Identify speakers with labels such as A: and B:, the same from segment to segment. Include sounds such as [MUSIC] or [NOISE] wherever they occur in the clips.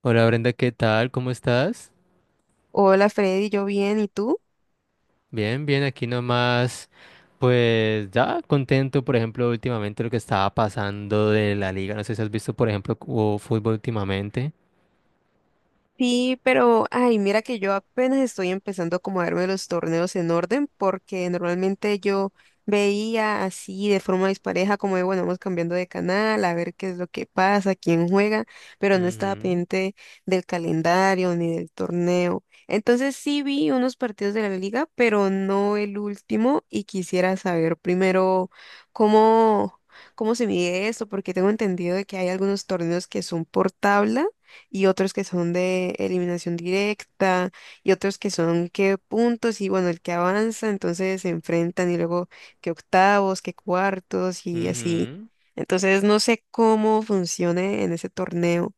A: Hola Brenda, ¿qué tal? ¿Cómo estás?
B: Hola Freddy, yo bien, ¿y tú?
A: Bien, bien, aquí nomás, pues ya contento, por ejemplo, últimamente lo que estaba pasando de la liga, no sé si has visto, por ejemplo, hubo fútbol últimamente.
B: Sí, pero, ay, mira que yo apenas estoy empezando a darme los torneos en orden, porque normalmente yo veía así de forma dispareja, como de, bueno, vamos cambiando de canal, a ver qué es lo que pasa, quién juega, pero no estaba
A: Ujú,
B: pendiente del calendario ni del torneo. Entonces sí vi unos partidos de la liga, pero no el último, y quisiera saber primero cómo, cómo se mide esto, porque tengo entendido de que hay algunos torneos que son portables y otros que son de eliminación directa, y otros que son que puntos, y bueno, el que avanza, entonces se enfrentan, y luego que octavos, que cuartos, y así.
A: ujú.
B: Entonces no sé cómo funcione en ese torneo.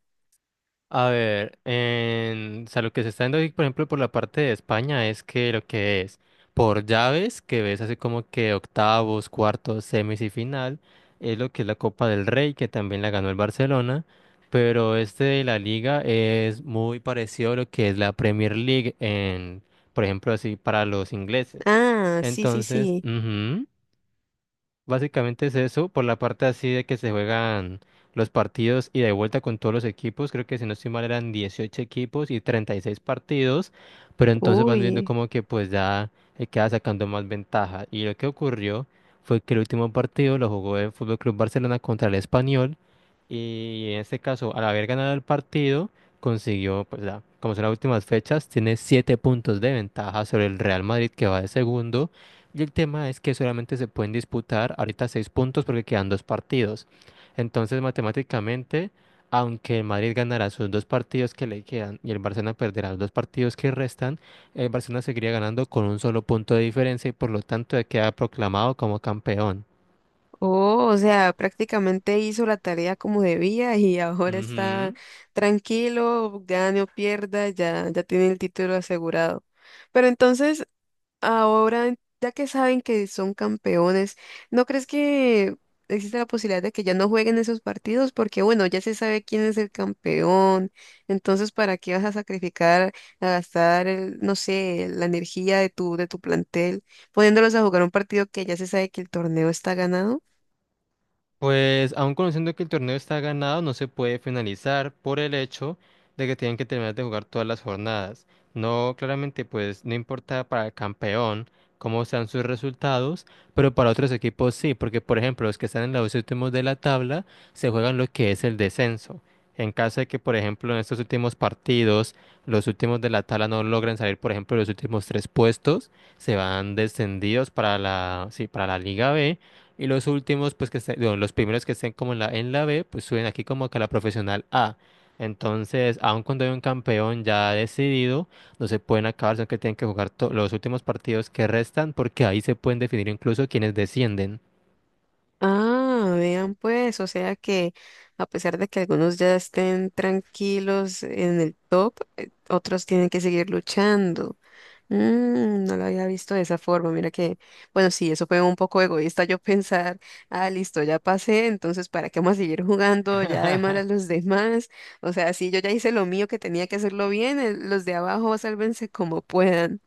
A: A ver, o sea, lo que se está viendo ahí, por ejemplo, por la parte de España es que lo que es por llaves, que ves así como que octavos, cuartos, semis y final, es lo que es la Copa del Rey, que también la ganó el Barcelona, pero este de la Liga es muy parecido a lo que es la Premier League en, por ejemplo, así para los ingleses.
B: Ah, sí, sí,
A: Entonces,
B: sí.
A: ujú. Básicamente es eso, por la parte así de que se juegan los partidos y de vuelta con todos los equipos, creo que si no estoy mal eran 18 equipos y 36 partidos, pero entonces van viendo
B: Uy.
A: como que pues ya queda sacando más ventaja. Y lo que ocurrió fue que el último partido lo jugó el Fútbol Club Barcelona contra el Español y en este caso al haber ganado el partido consiguió pues ya, como son las últimas fechas, tiene 7 puntos de ventaja sobre el Real Madrid que va de segundo y el tema es que solamente se pueden disputar ahorita 6 puntos porque quedan dos partidos. Entonces, matemáticamente, aunque el Madrid ganará sus dos partidos que le quedan y el Barcelona perderá los dos partidos que restan, el Barcelona seguiría ganando con un solo punto de diferencia y por lo tanto ya queda proclamado como campeón.
B: Oh, o sea, prácticamente hizo la tarea como debía [LAUGHS] y ahora está
A: Ujú.
B: tranquilo, gane o pierda, ya, ya tiene el título asegurado. Pero entonces, ahora, ya que saben que son campeones, ¿no crees que existe la posibilidad de que ya no jueguen esos partidos? Porque bueno, ya se sabe quién es el campeón, entonces ¿para qué vas a sacrificar, a gastar, no sé, la energía de tu plantel, poniéndolos a jugar un partido que ya se sabe que el torneo está ganado?
A: Pues aun conociendo que el torneo está ganado, no se puede finalizar por el hecho de que tienen que terminar de jugar todas las jornadas. No, claramente, pues no importa para el campeón cómo sean sus resultados, pero para otros equipos sí, porque por ejemplo los que están en los últimos de la tabla se juegan lo que es el descenso. En caso de que, por ejemplo, en estos últimos partidos, los últimos de la tabla no logren salir, por ejemplo, de los últimos tres puestos, se van descendidos para la, sí, para la Liga B y los últimos, pues que estén, bueno, los primeros que estén como en la B, pues suben aquí como que a la profesional A. Entonces, aun cuando hay un campeón ya decidido, no se pueden acabar, sino que tienen que jugar los últimos partidos que restan, porque ahí se pueden definir incluso quienes descienden.
B: Ah, vean pues, o sea que a pesar de que algunos ya estén tranquilos en el top, otros tienen que seguir luchando. No lo había visto de esa forma. Mira que, bueno, sí, eso fue un poco egoísta yo [LAUGHS] pensar, ah, listo, ya pasé, entonces, ¿para qué vamos a seguir jugando ya de mal a
A: [LAUGHS]
B: los demás? O sea, sí, yo ya hice lo mío que tenía que hacerlo bien, los de abajo sálvense como puedan.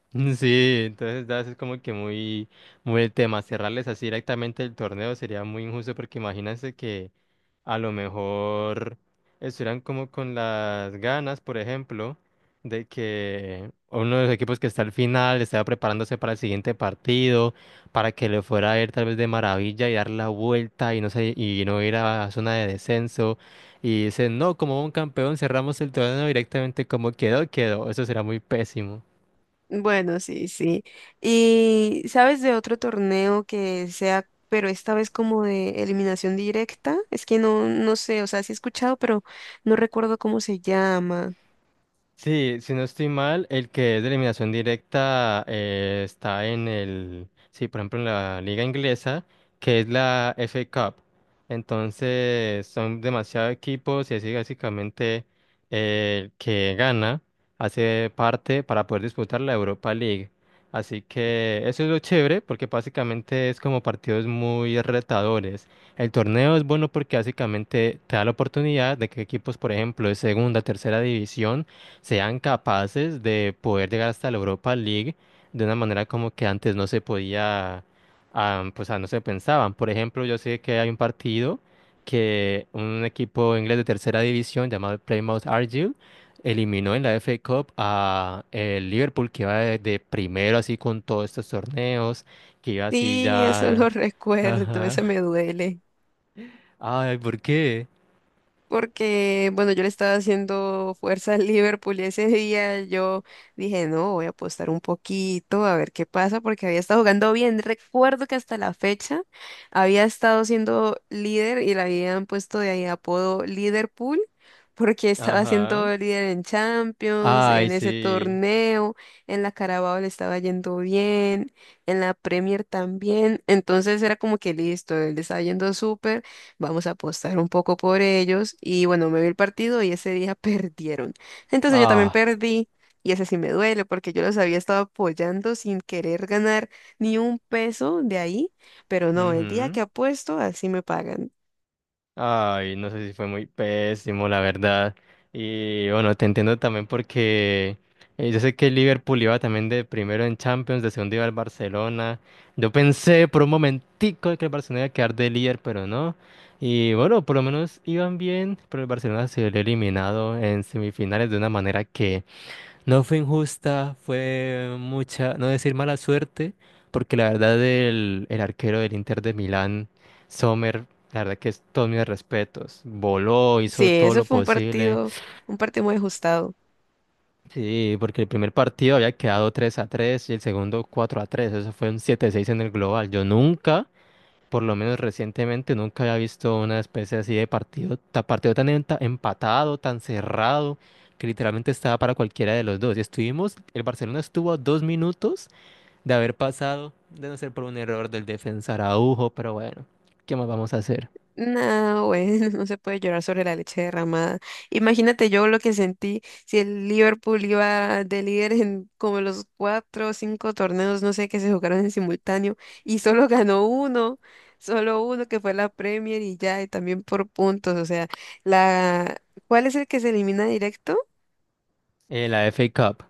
A: [LAUGHS] Sí, entonces das es como que muy, muy el tema. Cerrarles así directamente el torneo sería muy injusto porque imagínense que a lo mejor estuvieran como con las ganas, por ejemplo, de que uno de los equipos que está al final estaba preparándose para el siguiente partido, para que le fuera a ir tal vez de maravilla y dar la vuelta y no sé, y no ir a zona de descenso. Y dicen, no, como un campeón cerramos el torneo directamente como quedó, quedó. Eso será muy pésimo.
B: Bueno, sí, sí. ¿Y sabes de otro torneo que sea, pero esta vez como de eliminación directa? Es que no, no sé, o sea, sí he escuchado, pero no recuerdo cómo se llama.
A: Sí, si no estoy mal, el que es de eliminación directa está en el, sí, por ejemplo, en la liga inglesa, que es la FA Cup. Entonces, son demasiados equipos y así básicamente el que gana hace parte para poder disputar la Europa League. Así que eso es lo chévere porque básicamente es como partidos muy retadores. El torneo es bueno porque básicamente te da la oportunidad de que equipos, por ejemplo, de segunda, tercera división, sean capaces de poder llegar hasta la Europa League de una manera como que antes no se podía, ah, pues ah, no se pensaban. Por ejemplo, yo sé que hay un partido que un equipo inglés de tercera división llamado el Plymouth Argyle eliminó en la FA Cup a el Liverpool que iba de, primero así con todos estos torneos, que iba así...
B: Sí, eso
A: ya...
B: lo [LAUGHS] recuerdo, eso
A: Ajá.
B: me duele
A: Ay, ¿por qué?
B: porque, bueno, yo le estaba haciendo fuerza al Liverpool y ese día yo dije, no, voy a apostar un poquito a ver qué pasa, porque había estado jugando bien. Recuerdo que hasta la fecha había estado siendo líder y le habían puesto de ahí apodo Liverpool, porque estaba
A: Ajá.
B: siendo líder en Champions,
A: Ay,
B: en ese
A: sí.
B: torneo, en la Carabao le estaba yendo bien, en la Premier también. Entonces era como que listo, le estaba yendo súper. Vamos a apostar un poco por ellos. Y bueno, me vi el partido y ese día [LAUGHS] perdieron. Entonces yo también
A: Ah.
B: perdí y ese sí me duele porque yo los había estado apoyando sin querer ganar ni un peso de ahí. Pero no, el día que apuesto, así me pagan.
A: Ay, no sé si fue muy pésimo, la verdad. Y bueno, te entiendo también porque yo sé que el Liverpool iba también de primero en Champions, de segundo iba el Barcelona. Yo pensé por un momentico que el Barcelona iba a quedar de líder, pero no. Y bueno, por lo menos iban bien, pero el Barcelona se había eliminado en semifinales de una manera que no fue injusta, fue mucha, no decir mala suerte, porque la verdad el arquero del Inter de Milán, Sommer, la verdad que es todos mis respetos. Voló,
B: Sí,
A: hizo todo
B: eso
A: lo
B: fue un
A: posible.
B: partido, un partido muy ajustado.
A: Sí, porque el primer partido había quedado 3-3 y el segundo 4-3. Eso fue un 7-6 en el global. Yo nunca por lo menos recientemente, nunca había visto una especie así de partido, partido tan empatado, tan cerrado, que literalmente estaba para cualquiera de los dos. Y estuvimos, el Barcelona estuvo a 2 minutos de haber pasado, de no ser por un error del defensa Araujo, pero bueno, ¿qué más vamos a hacer?
B: No, güey, [LAUGHS] no se puede llorar sobre la leche derramada. Imagínate yo lo que sentí si el Liverpool iba de líder en como los cuatro o cinco torneos, no sé, que se jugaron en simultáneo y solo [LAUGHS] ganó uno, solo uno que fue la Premier y ya, y también por puntos. O sea, la, ¿cuál es el que se elimina directo?
A: La FA Cup.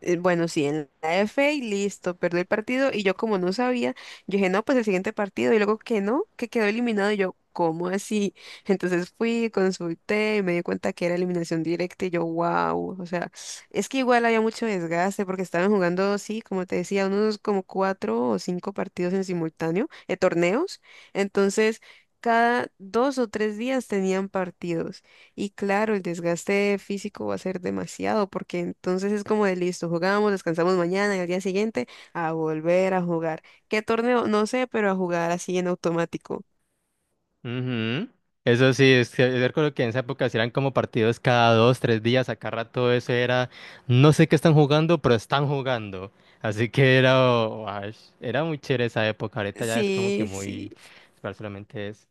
B: Bueno, sí, en la F y listo, perdió el partido y yo como no sabía, yo dije, no, pues el siguiente partido y luego que no, que quedó eliminado y yo, ¿cómo así? [LAUGHS] Entonces fui, consulté y me di cuenta que era eliminación directa y yo, wow, o sea, es que igual había mucho desgaste porque estaban jugando, sí, como te decía, unos como cuatro o cinco partidos en simultáneo, torneos, entonces cada dos o tres días tenían partidos. Y claro, el desgaste físico va a ser demasiado, porque entonces es como de listo, jugamos, descansamos mañana y al día siguiente a volver a jugar. ¿Qué torneo? No sé, pero a jugar así en automático.
A: Ujú. Eso sí, es que yo recuerdo que en esa época sí eran como partidos cada dos, tres días, acá rato eso era, no sé qué están jugando, pero están jugando. Así que era, guash, era muy chévere esa época, ahorita ya es como que
B: Sí,
A: muy,
B: sí.
A: solamente es.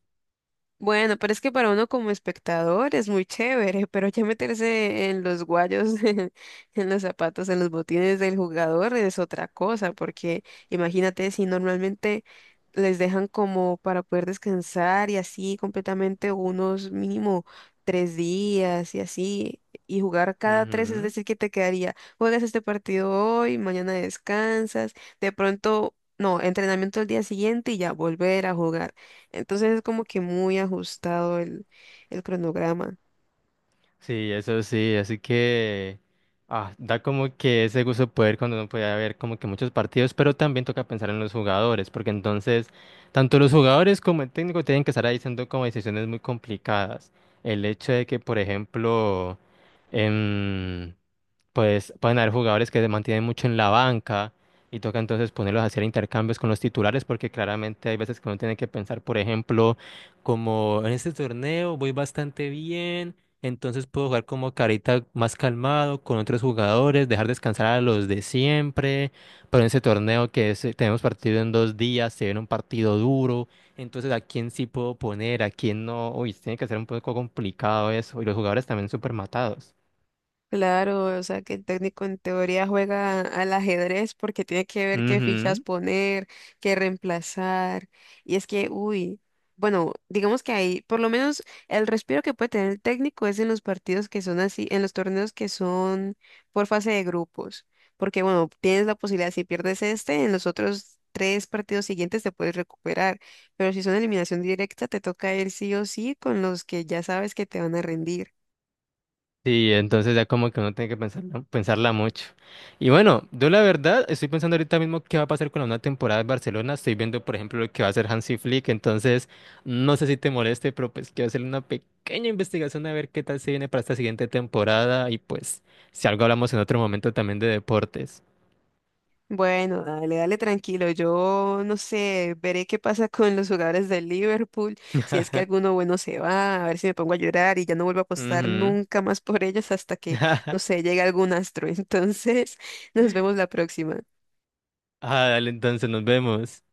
B: Bueno, pero es que para uno como espectador es muy chévere, pero ya meterse en los guayos, [LAUGHS] en los zapatos, en los botines del jugador es otra cosa, porque imagínate si normalmente les dejan como para poder descansar y así completamente unos mínimo tres días y así, y jugar cada tres, es decir, que te quedaría, juegas este partido hoy, mañana descansas, de pronto, no, entrenamiento el día siguiente y ya volver a jugar. Entonces es como que muy ajustado el cronograma.
A: Sí, eso sí, así que ah, da como que ese gusto de poder cuando uno puede ver como que muchos partidos, pero también toca pensar en los jugadores, porque entonces tanto los jugadores como el técnico tienen que estar ahí haciendo como decisiones muy complicadas. El hecho de que, por ejemplo, em, pues pueden haber jugadores que se mantienen mucho en la banca y toca entonces ponerlos a hacer intercambios con los titulares porque claramente hay veces que uno tiene que pensar, por ejemplo, como en este torneo voy bastante bien, entonces puedo jugar como carita más calmado con otros jugadores, dejar descansar a los de siempre, pero en ese torneo que es, tenemos partido en 2 días, se viene un partido duro, entonces a quién sí puedo poner, a quién no, uy, tiene que ser un poco complicado eso, y los jugadores también súper matados.
B: Claro, o sea que el técnico en teoría juega al ajedrez porque tiene que ver qué fichas poner, qué reemplazar. Y es que, uy, bueno, digamos que ahí, por lo menos el respiro que puede tener el técnico es en los partidos que son así, en los torneos que son por fase de grupos. Porque, bueno, tienes la posibilidad, si pierdes este, en los otros tres partidos siguientes te puedes recuperar. Pero si son eliminación directa, te toca ir sí o sí con los que ya sabes que te van a rendir.
A: Sí, entonces ya como que uno tiene que pensarla, pensarla mucho. Y bueno, yo la verdad estoy pensando ahorita mismo qué va a pasar con la nueva temporada de Barcelona. Estoy viendo, por ejemplo, lo que va a hacer Hansi Flick. Entonces, no sé si te moleste, pero pues quiero hacer una pequeña investigación a ver qué tal se viene para esta siguiente temporada. Y pues, si algo hablamos en otro momento también de deportes.
B: Bueno, dale, dale tranquilo. Yo no sé, veré qué pasa con los jugadores del Liverpool, si es que
A: [LAUGHS]
B: alguno bueno se va, a ver si me pongo a llorar y ya no vuelvo a apostar
A: Ujú.
B: nunca más por ellos hasta que, no
A: [LAUGHS]
B: sé, llegue algún astro. [LAUGHS] Entonces, nos vemos la próxima.
A: Ah, dale, entonces nos vemos.